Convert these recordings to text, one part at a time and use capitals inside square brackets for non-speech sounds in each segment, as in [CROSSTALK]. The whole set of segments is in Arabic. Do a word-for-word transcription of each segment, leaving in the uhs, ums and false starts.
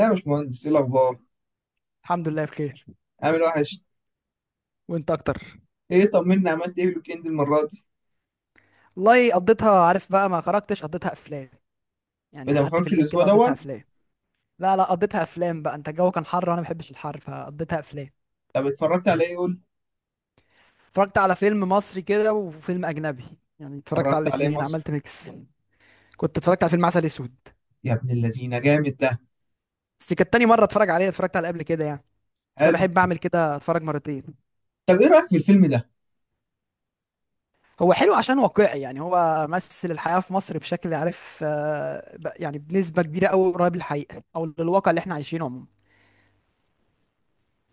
يا باشمهندس، ايه الاخبار؟ الحمد لله بخير. عامل وحش. وانت اكتر. ايه، طمني، عملت ايه في الويكند المره دي؟ والله قضيتها، عارف بقى، ما خرجتش، قضيتها افلام. يعني بدل ما قعدت في خرجتش البيت الاسبوع كده، قضيتها دوت. افلام. لا لا، قضيتها افلام. بقى انت الجو كان حر وانا ما بحبش الحر، فقضيتها افلام. طب اتفرجت على ايه، قول. اتفرجت على فيلم مصري كده وفيلم اجنبي. يعني اتفرجت على اتفرجت على ايه الاتنين، مصر؟ عملت ميكس. كنت اتفرجت على فيلم عسل اسود. يا ابن اللذينه، جامد ده. بس دي كانت تاني مره اتفرج عليه، اتفرجت عليه قبل كده يعني. بس انا حلو. بحب اعمل كده، اتفرج مرتين. طب ايه رايك في الفيلم ده؟ هو حلو عشان واقعي، يعني هو مثل الحياه في مصر بشكل، عارف، آه، ب- يعني بنسبه كبيره قوي، قريب للحقيقه او للواقع اللي احنا عايشينه عموما.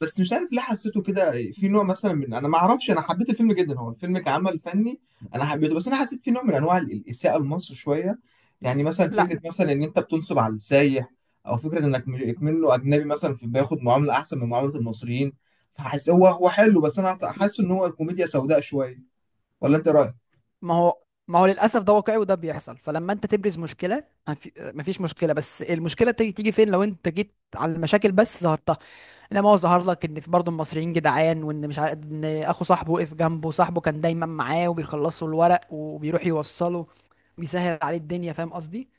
بس مش عارف ليه حسيته كده، في نوع مثلا من، انا ما اعرفش، انا حبيت الفيلم جدا، هو الفيلم كعمل فني انا حبيته، بس انا حسيت في نوع من انواع ال- الاساءه لمصر شويه. يعني مثلا لا. فكره، مثلا ان انت بتنصب على السايح، او فكره انك م- منه اجنبي مثلا في بياخد معامله احسن من معامله المصريين. فحس هو هو حلو، بس انا حاسه ان هو كوميديا سوداء شويه. ولا انت رأيك؟ ما هو ما هو للاسف ده واقعي وده بيحصل. فلما انت تبرز مشكله، هنف- مفيش مشكله، بس المشكله تيجي تيجي فين؟ لو انت جيت على المشاكل بس ظهرتها. انما هو ظهر لك ان في برضه المصريين جدعان، وان، مش عارف، ان اخو صاحبه وقف جنبه، صاحبه كان دايما معاه وبيخلصوا الورق وبيروح يوصله، بيسهل عليه الدنيا. فاهم قصدي؟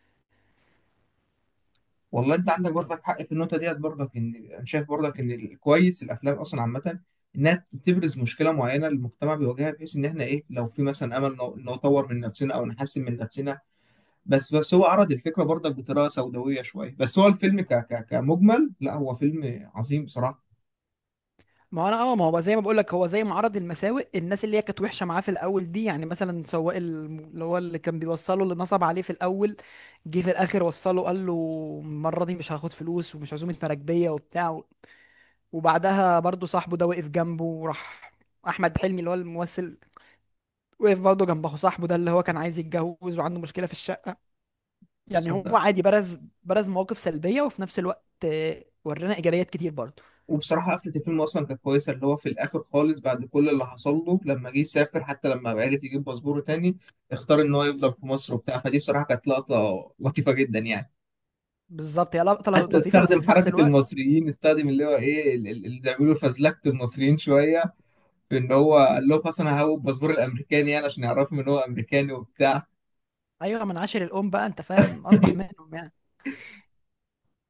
والله انت عندك برضك حق في النقطه ديت، برضك ان انا شايف برضك ان الكويس الافلام اصلا عامه انها تبرز مشكله معينه المجتمع بيواجهها، بحيث ان احنا ايه لو في مثلا امل ن- نطور من نفسنا او نحسن من نفسنا. بس بس هو عرض الفكره برضك بطريقه سوداويه شويه، بس هو الفيلم ك ك كمجمل لا، هو فيلم عظيم بصراحه. ما انا اه ما هو بقى زي ما بقول لك، هو زي معرض المساوئ. الناس اللي هي كانت وحشه معاه في الاول دي، يعني مثلا سواق الم- اللي هو اللي كان بيوصله، اللي نصب عليه في الاول، جه في الاخر وصله، قال له المره دي مش هاخد فلوس، ومش عزومه مراكبيه وبتاع. وبعدها برضه صاحبه ده وقف جنبه وراح، احمد حلمي اللي هو الممثل، وقف برضه جنب اخو صاحبه ده اللي هو كان عايز يتجوز وعنده مشكله في الشقه. يعني هو صدق. عادي، برز برز مواقف سلبيه، وفي نفس الوقت آه، ورينا ايجابيات كتير برضه. وبصراحه قفله الفيلم اصلا كانت كويسه، اللي هو في الاخر خالص بعد كل اللي حصل له، لما جه يسافر حتى لما عرف يجيب باسبوره تاني اختار ان هو يفضل في مصر وبتاع. فدي بصراحه كانت لقطه لطيفه جدا يعني. بالظبط هي لقطه حتى لطيفه، بس استخدم في نفس حركة الوقت، المصريين، استخدم اللي هو ايه ال- ال- اللي زي ما بيقولوا فزلكة المصريين شوية، في ان هو قال لهم اصل انا هاخد الباسبور الامريكاني، يعني عشان يعرفهم ان هو امريكاني وبتاع. ايوه، من عاشر الام بقى، انت فاهم، اصبح [LAUGHS] منهم يعني.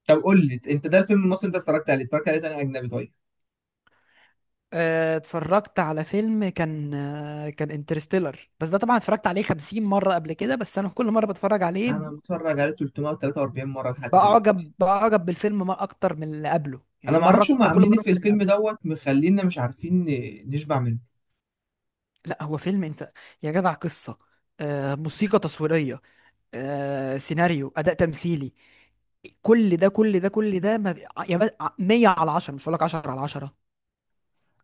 طب قول لي انت، ده الفيلم المصري انت اتفرجت عليه، اتفرجت عليه تاني اجنبي طيب. آه، اتفرجت على فيلم كان، آه، كان انترستيلر، بس ده طبعا اتفرجت عليه خمسين مرة قبل كده، بس انا كل مرة بتفرج عليه انا متفرج عليه ثلاث مية وتلاتة واربعين مرة لحد دلوقتي. بعجب بعجب بالفيلم ما اكتر من اللي قبله، انا يعني ما مرة اعرفش هم اكتر، كل عاملين ايه مرة في اكتر من اللي الفيلم قبله. دوت، مخلينا مش عارفين نشبع منه. لا، هو فيلم، انت يا جدع، قصة، آه، موسيقى تصويرية، آه، سيناريو، اداء تمثيلي، كل ده كل ده كل ده ما بي... ع- يا بس ع- مية على عشرة. مش هقول لك عشرة على عشرة.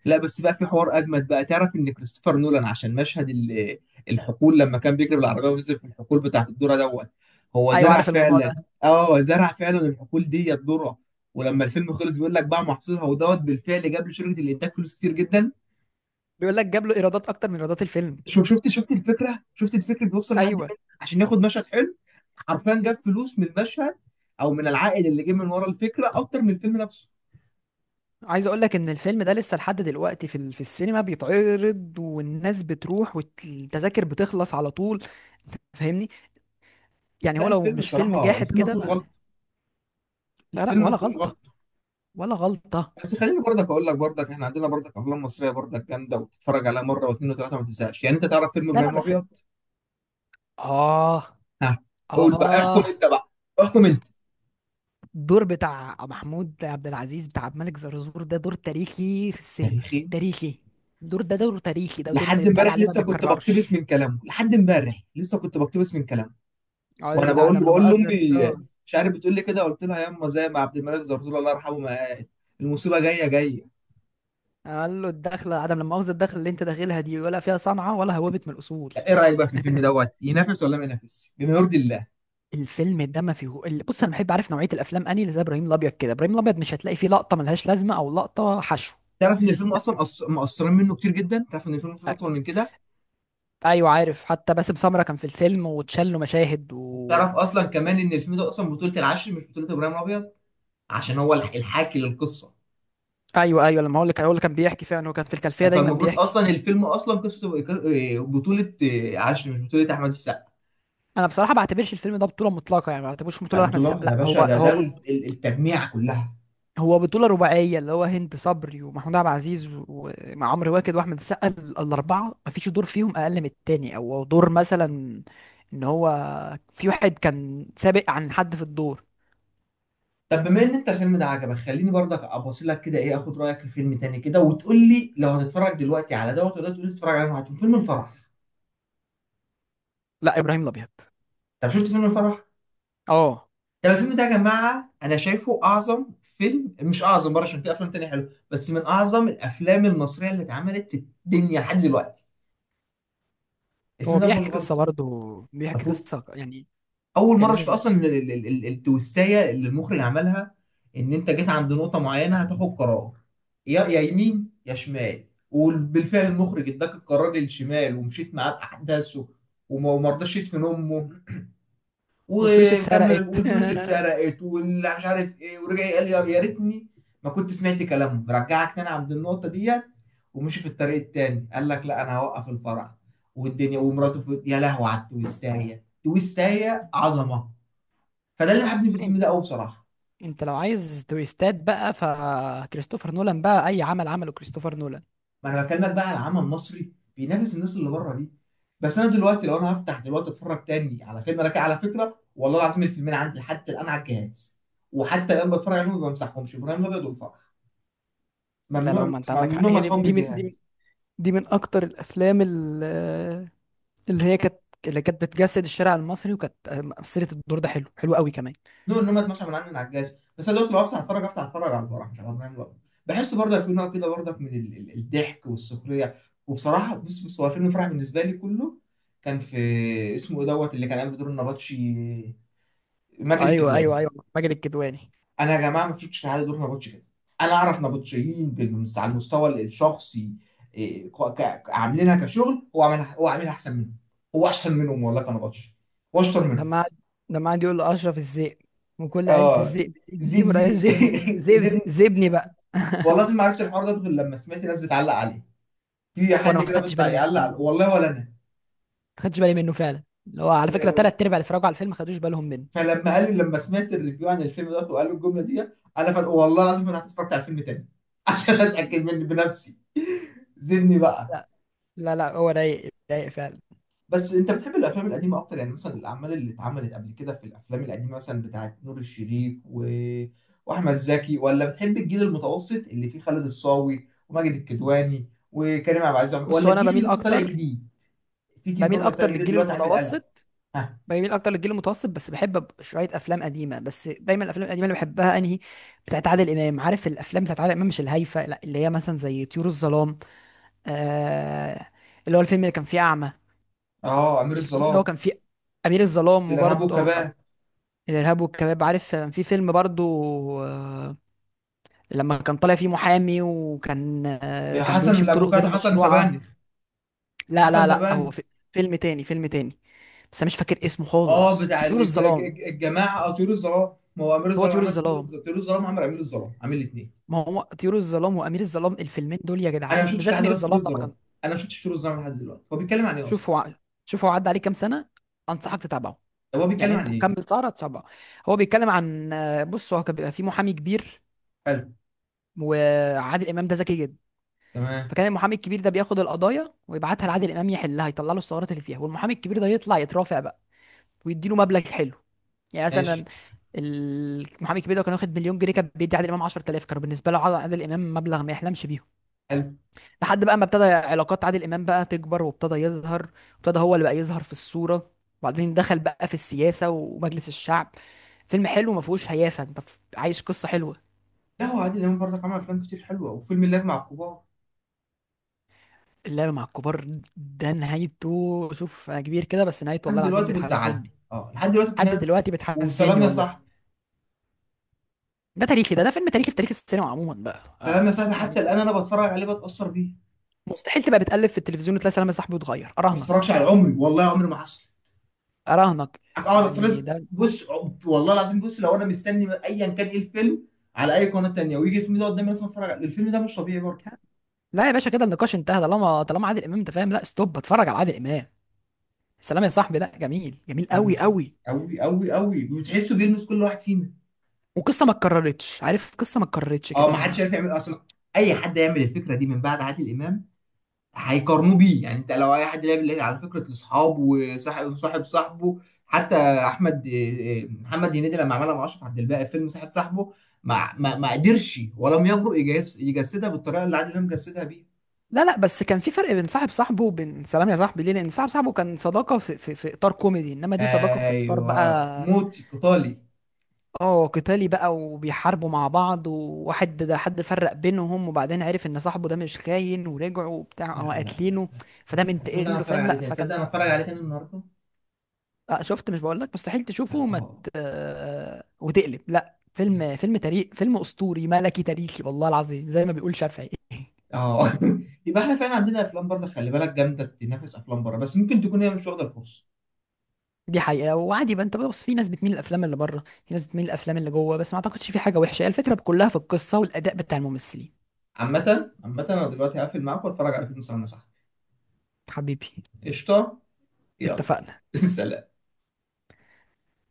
لا بس بقى في حوار اجمد بقى، تعرف ان كريستوفر نولان عشان مشهد ال- الحقول، لما كان بيجري بالعربيه ونزل في الحقول بتاعت الذره دوت هو ايوه زرع عارف الموضوع ده. فعلا. اه، زرع فعلا الحقول دي الذره، ولما الفيلم خلص بيقول لك بقى محصولها ودوت بالفعل جاب لشركه الانتاج فلوس كتير جدا. بيقول لك جاب له ايرادات اكتر من ايرادات الفيلم. شوف، شفت شفت الفكره، شفت الفكره بيوصل لحد ايوه، فين عشان ياخد مشهد حلو. حرفيا جاب فلوس من المشهد، او من العائد اللي جه من ورا الفكره اكتر من الفيلم نفسه. عايز اقول لك ان الفيلم ده لسه لحد دلوقتي في ال- في السينما بيتعرض، والناس بتروح والتذاكر بتخلص على طول. فاهمني؟ يعني هو لا لو الفيلم مش فيلم بصراحه، جاحد الفيلم ما كده فيهوش غلط، ما... لا لا، الفيلم ما ولا فيهوش غلط. غلطة، ولا غلطة. بس خليني برضك اقول لك، برضك احنا عندنا برضك افلام مصريه برضك جامده، وتتفرج عليها مره واثنين وثلاثه ما تنساش، يعني انت تعرف فيلم لا ابراهيم لا، بس، الابيض. اه ها. قول بقى، احكم اه، انت بقى، احكم انت. الدور بتاع محمود عبد العزيز، بتاع عبد الملك زرزور، ده دور تاريخي في السينما، تاريخي. تاريخي. الدور ده دور تاريخي، ده دور من اللي لحد بيتقال امبارح عليه ما لسه كنت بقتبس بيتكررش. من كلامه، لحد امبارح لسه كنت بقتبس من كلامه. اه، وانا بقول العدم لا بقول مؤاخذة لامي، ده. مش عارف بتقول لي كده، قلت لها ياما زي ما عبد الملك زرزور الله يرحمه ما قال، المصيبه جايه جايه. قال له الدخله عدم، لما مؤاخذه الدخله اللي انت داخلها دي، ولا فيها صنعه ولا هوبت من الاصول. ايه رايك بقى في الفيلم [LAUGHS] دوت، ينافس ولا ما ينافسش بما يرضي الله؟ الفيلم ده ما فيه ال- بص، انا بحب، عارف، نوعيه الافلام، اني اللي زي ابراهيم الابيض كده. ابراهيم الابيض مش هتلاقي فيه لقطه ملهاش لازمه او لقطه حشو. تعرف ان الفيلم لا. اصلا أص- مقصرين منه كتير جدا، تعرف ان الفيلم المفروض اطول من كده. ايوه عارف، حتى باسم سمره كان في الفيلم واتشال له مشاهد، و... وبتعرف اصلا كمان ان الفيلم ده اصلا بطولة العشر، مش بطولة ابراهيم الابيض، عشان هو الح- الحاكي للقصة. ايوه ايوه، لما هو اللي كان هو اللي كان بيحكي فعلا، هو كان في الخلفيه دايما فالمفروض بيحكي. اصلا الفيلم اصلا قصة بطولة عشر، مش بطولة احمد السقا. انا بصراحه ما بعتبرش الفيلم ده بطوله مطلقه يعني، ما بعتبرش لا، بطوله لاحمد بطولة السقا، يا لا باشا، هو ده ده هو ال- ال- التجميع كلها. هو بطولة رباعية. اللي هو هند صبري ومحمود عبد العزيز ومع عمرو واكد واحمد السقا، ال- الأربعة مفيش دور فيهم أقل من التاني، أو دور مثلا إن هو في واحد كان سابق عن حد في الدور. طب بما ان انت الفيلم ده عجبك، خليني برضك ابص لك كده، ايه اخد رايك في فيلم تاني كده، وتقول لي لو هتتفرج دلوقتي على دوت، ولا تقول لي تتفرج على واحد، فيلم الفرح. لا، إبراهيم الأبيض. طب شفت فيلم الفرح؟ اه. طب الفيلم ده يا جماعة أنا شايفه أعظم فيلم، مش أعظم بره عشان في أفلام تانية حلوة، بس من أعظم الأفلام المصرية اللي اتعملت في الدنيا لحد دلوقتي. الفيلم هو ده ما فيهوش بيحكي قصة، غلطة، برضه ما بيحكي فيه. قصة يعني. أول مرة أشوف جميلة. أصلا ال- ال- ال- ال- التويستاية اللي المخرج عملها، إن أنت جيت عند نقطة معينة هتاخد قرار، يا يا يمين يا شمال. وبالفعل المخرج اداك القرار للشمال ومشيت معاه بأحداثه، وما وما رضاش يدفن أمه والفلوس وكمل، اتسرقت. والفلوس [LAUGHS] اتسرقت واللي مش عارف ايه، ورجع قال لي يا يا ريتني ما كنت سمعت كلامه. رجعك تاني عند النقطه ديت ومشي في الطريق التاني، قال لك لا انا هوقف الفرع، والدنيا ومراته في... يا لهوي على التويستايه، تويستايه عظمه. فده اللي حبني في انت، الفيلم ده قوي بصراحه. انت لو عايز تويستات بقى، فكريستوفر نولان بقى، اي عمل عمله كريستوفر نولان. ما انا بكلمك بقى على العمل المصري بينافس الناس اللي بره دي. بس انا دلوقتي لو انا هفتح دلوقتي اتفرج تاني على فيلم، انا كده على فكره والله العظيم الفيلمين عندي لحد الان على الجهاز، وحتى الان بتفرج عليهم ما بمسحهمش، ابراهيم الابيض والفار. لا لا، ممنوع ما انت عندك حق. ممنوع، هي دي مسحوب من دي من دي من الجهاز. دي من اكتر الافلام، اللي هي كانت اللي كانت بتجسد الشارع المصري، وكانت مثلت الدور ده حلو، حلو قوي كمان. ممنوع ان هم اتمسح من عندي من على الجهاز. بس انا دلوقتي لو افتح اتفرج، افتح اتفرج على الفرح مش على برنامج الأب. بحس برضه في نوع كده برضه من ال- ال- الضحك والسخريه. وبصراحه بص بص، هو فيلم الفرح بالنسبه لي كله، كان في اسمه ايه دوت اللي كان قايم بدور النبطشي، ماجد ايوه الكدواني. ايوه ايوه، ماجد الكدواني. انا يا جماعه ما شفتش حد دور نبطشي كده. انا اعرف نبطشيين بالمس- على المستوى الشخصي، إيه، ك- ك- عاملينها كشغل، هو عاملها هو عاملها احسن منهم. هو احسن منهم والله كنبطشي، واشطر منهم. لما قعد لما قعد يقول لاشرف الذئب وكل عيله اه، الذئب، ذئب ذئب ولا زبزي. ذئبني [LAUGHS] ذئب، زبن. ذئبني بقى. والله العظيم ما عرفت الحوار ده غير لما سمعت ناس بتعلق عليه، في وانا حد ما كده خدتش بيطلع بالي يعلق منه، والله ولا انا. ما خدتش بالي منه فعلا. اللي هو على فكره، ثلاث ارباع اللي اتفرجوا على الفيلم ما خدوش بالهم منه. فلما قال لي، لما سمعت الريفيو عن الفيلم ده وقالوا الجمله دي، انا فت... والله العظيم فتحت اتفرجت على الفيلم تاني [LAUGHS] عشان اتاكد من بنفسي. زبني بقى. لا لا لا، هو رايق، رايق فعلا. بس انت بتحب الافلام القديمه اكتر؟ يعني مثلا الاعمال اللي اتعملت قبل كده في الافلام القديمه مثلا بتاعت نور الشريف و... واحمد زكي، ولا بتحب الجيل المتوسط اللي فيه خالد الصاوي وماجد الكدواني وكريم عبد العزيز، عمر- بص، ولا هو انا الجيل بميل اللي لسه طالع اكتر جديد؟ في جيل بميل برضه اكتر طالع جديد للجيل دلوقتي عامل قلق. المتوسط. ها. بميل اكتر للجيل المتوسط، بس بحب أب- شويه افلام قديمه. بس دايما الافلام القديمه اللي بحبها انهي؟ بتاعت عادل امام. عارف الافلام بتاعت عادل امام، مش الهايفه، لا اللي هي مثلا زي طيور الظلام، آه اللي هو الفيلم اللي كان فيه اعمى. اه، امير الفيلم اللي هو الظلام. كان فيه امير الظلام. الارهاب وبرضه والكباب. الارهاب والكباب. عارف كان في فيلم برضه، آه لما كان طالع فيه محامي، وكان، آه، آه كان حسن بيمشي في طرق غير الافوكاتو، حسن مشروعه. سبانخ. لا حسن لا لا، سبانخ. هو في فيلم تاني، فيلم تاني، بس انا مش فاكر اسمه اه خالص. بتاع طيور الج... الظلام. الج... الجماعه، اه طيور الظلام، ما هو امير هو الظلام طيور عمل الظلام، طيور، طيور الظلام عمل امير الظلام، عامل الاثنين. ما هو طيور الظلام وامير الظلام الفيلمين دول يا انا ما جدعان، شفتش بالذات لحد امير دلوقتي طول الظلام. لما الظلام، كان، انا ما شفتش طول الظلام لحد دلوقتي، هو بيتكلم عن ايه اصلا؟ شوف هو شوف هو عدى عليه كام سنه. انصحك تتابعه، طب هو يعني بيتكلم انت عن ايه؟ مكمل سهره تتابعه. هو بيتكلم عن، بص، هو كان بيبقى فيه محامي كبير، حلو. وعادل امام ده ذكي جدا. تمام. فكان المحامي الكبير ده بياخد القضايا ويبعتها لعادل امام يحلها، يطلع له الثغرات اللي فيها، والمحامي الكبير ده يطلع يترافع بقى، ويديله مبلغ حلو. يعني ماشي. مثلا المحامي الكبير ده كان واخد مليون جنيه، كان بيدي عادل امام عشرة آلاف، كانوا بالنسبه له، عادل امام، مبلغ ما يحلمش بيه. حلو. لحد بقى ما ابتدى علاقات عادل امام بقى تكبر، وابتدى يظهر، وابتدى هو اللي بقى يظهر في الصوره. وبعدين دخل بقى في السياسه ومجلس الشعب. فيلم حلو ما فيهوش هيافه، انت ف- عايش قصه حلوه. لا هو عادل امام برضك عمل افلام كتير حلوه، وفيلم اللعب مع الكبار. اللعب مع الكبار ده نهايته، شوف انا كبير كده، بس نهايته لحد والله العظيم دلوقتي بتزعلني، بتحزني. اه لحد دلوقتي لحد بتنام. دلوقتي وسلام بتحزني يا والله. صاحبي. ده تاريخي، ده ده فيلم تاريخي في تاريخ السينما عموما بقى، سلام يا آه صاحبي حتى يعني. الان انا بتفرج عليه بتاثر بيه. مستحيل تبقى بتقلب في التلفزيون وتلاقي سلام يا صاحبي وتغير، ما اراهنك، بتفرجش على عمري، والله عمري ما حصل اراهنك. اقعد اتفرج. يعني ده، بص، والله العظيم بص لو انا مستني ايا كان ايه الفيلم على اي قناه تانيه، ويجي الفيلم ده قدامي لازم اتفرج عليه، الفيلم ده مش طبيعي برضه. لا يا باشا، كده النقاش انتهى. طالما طالما عادل امام، انت فاهم، لا ستوب، اتفرج على عادل امام. سلام يا صاحبي، لا جميل، جميل فاهم. قوي قوي. قوي قوي قوي بتحسه بيلمس كل واحد فينا. وقصه ما اتكررتش، عارف، قصه ما اتكررتش اه، كده ما حدش ما عارف يعمل اصلا. اي حد يعمل الفكره دي من بعد عادل امام هيقارنوه بيه، يعني انت لو اي حد لعب، لعب على فكره الاصحاب وصاحب صاحب صاحبه، حتى احمد إيه، إيه، محمد هنيدي لما عملها مع اشرف عبد الباقي في فيلم صاحب صاحبه، ما ما ما قدرش ولم يجرؤ يجس- يجسدها بالطريقه اللي عادل امام جسدها بيها. لا لا، بس كان في فرق بين صاحب صاحبه وبين سلام يا صاحبي، ليه؟ لان صاحب صاحبه كان صداقه في, في, في اطار كوميدي، انما دي صداقه في اطار ايوه، بقى، موتي قطالي. اه، قتالي بقى، وبيحاربوا مع بعض، وواحد ده حد فرق بينهم، وبعدين عرف ان صاحبه ده مش خاين ورجعوا وبتاع، لا اه، لا لا. قاتلينه. لا فده الفيلم ده منتقم انا له، اتفرج فاهم؟ عليه لا تاني، فكان، تصدق انا اتفرج عليه تاني النهارده. آه شفت، مش بقول لك مستحيل لا، تشوفه، وما ت- اه. آه، وتقلب؟ لا فيلم، فيلم تاريخ، فيلم اسطوري ملكي تاريخي، والله العظيم، زي ما بيقول شافعي. اه. [LAUGHS] يبقى احنا فعلا عندنا افلام بره خلي بالك جامده تنافس افلام بره، بس ممكن تكون هي مش واخده الفرصه. دي حقيقه، وعادي بقى. انت بص، في ناس بتميل الافلام اللي بره، في ناس بتميل الافلام اللي جوه، بس ما اعتقدش في حاجه وحشه. هي الفكره كلها في القصه والاداء بتاع الممثلين. عامه عامه انا دلوقتي هقفل معاك واتفرج على فيلم سلام يا صاحبي. حبيبي، قشطه. يلا. اتفقنا. [LAUGHS] سلام.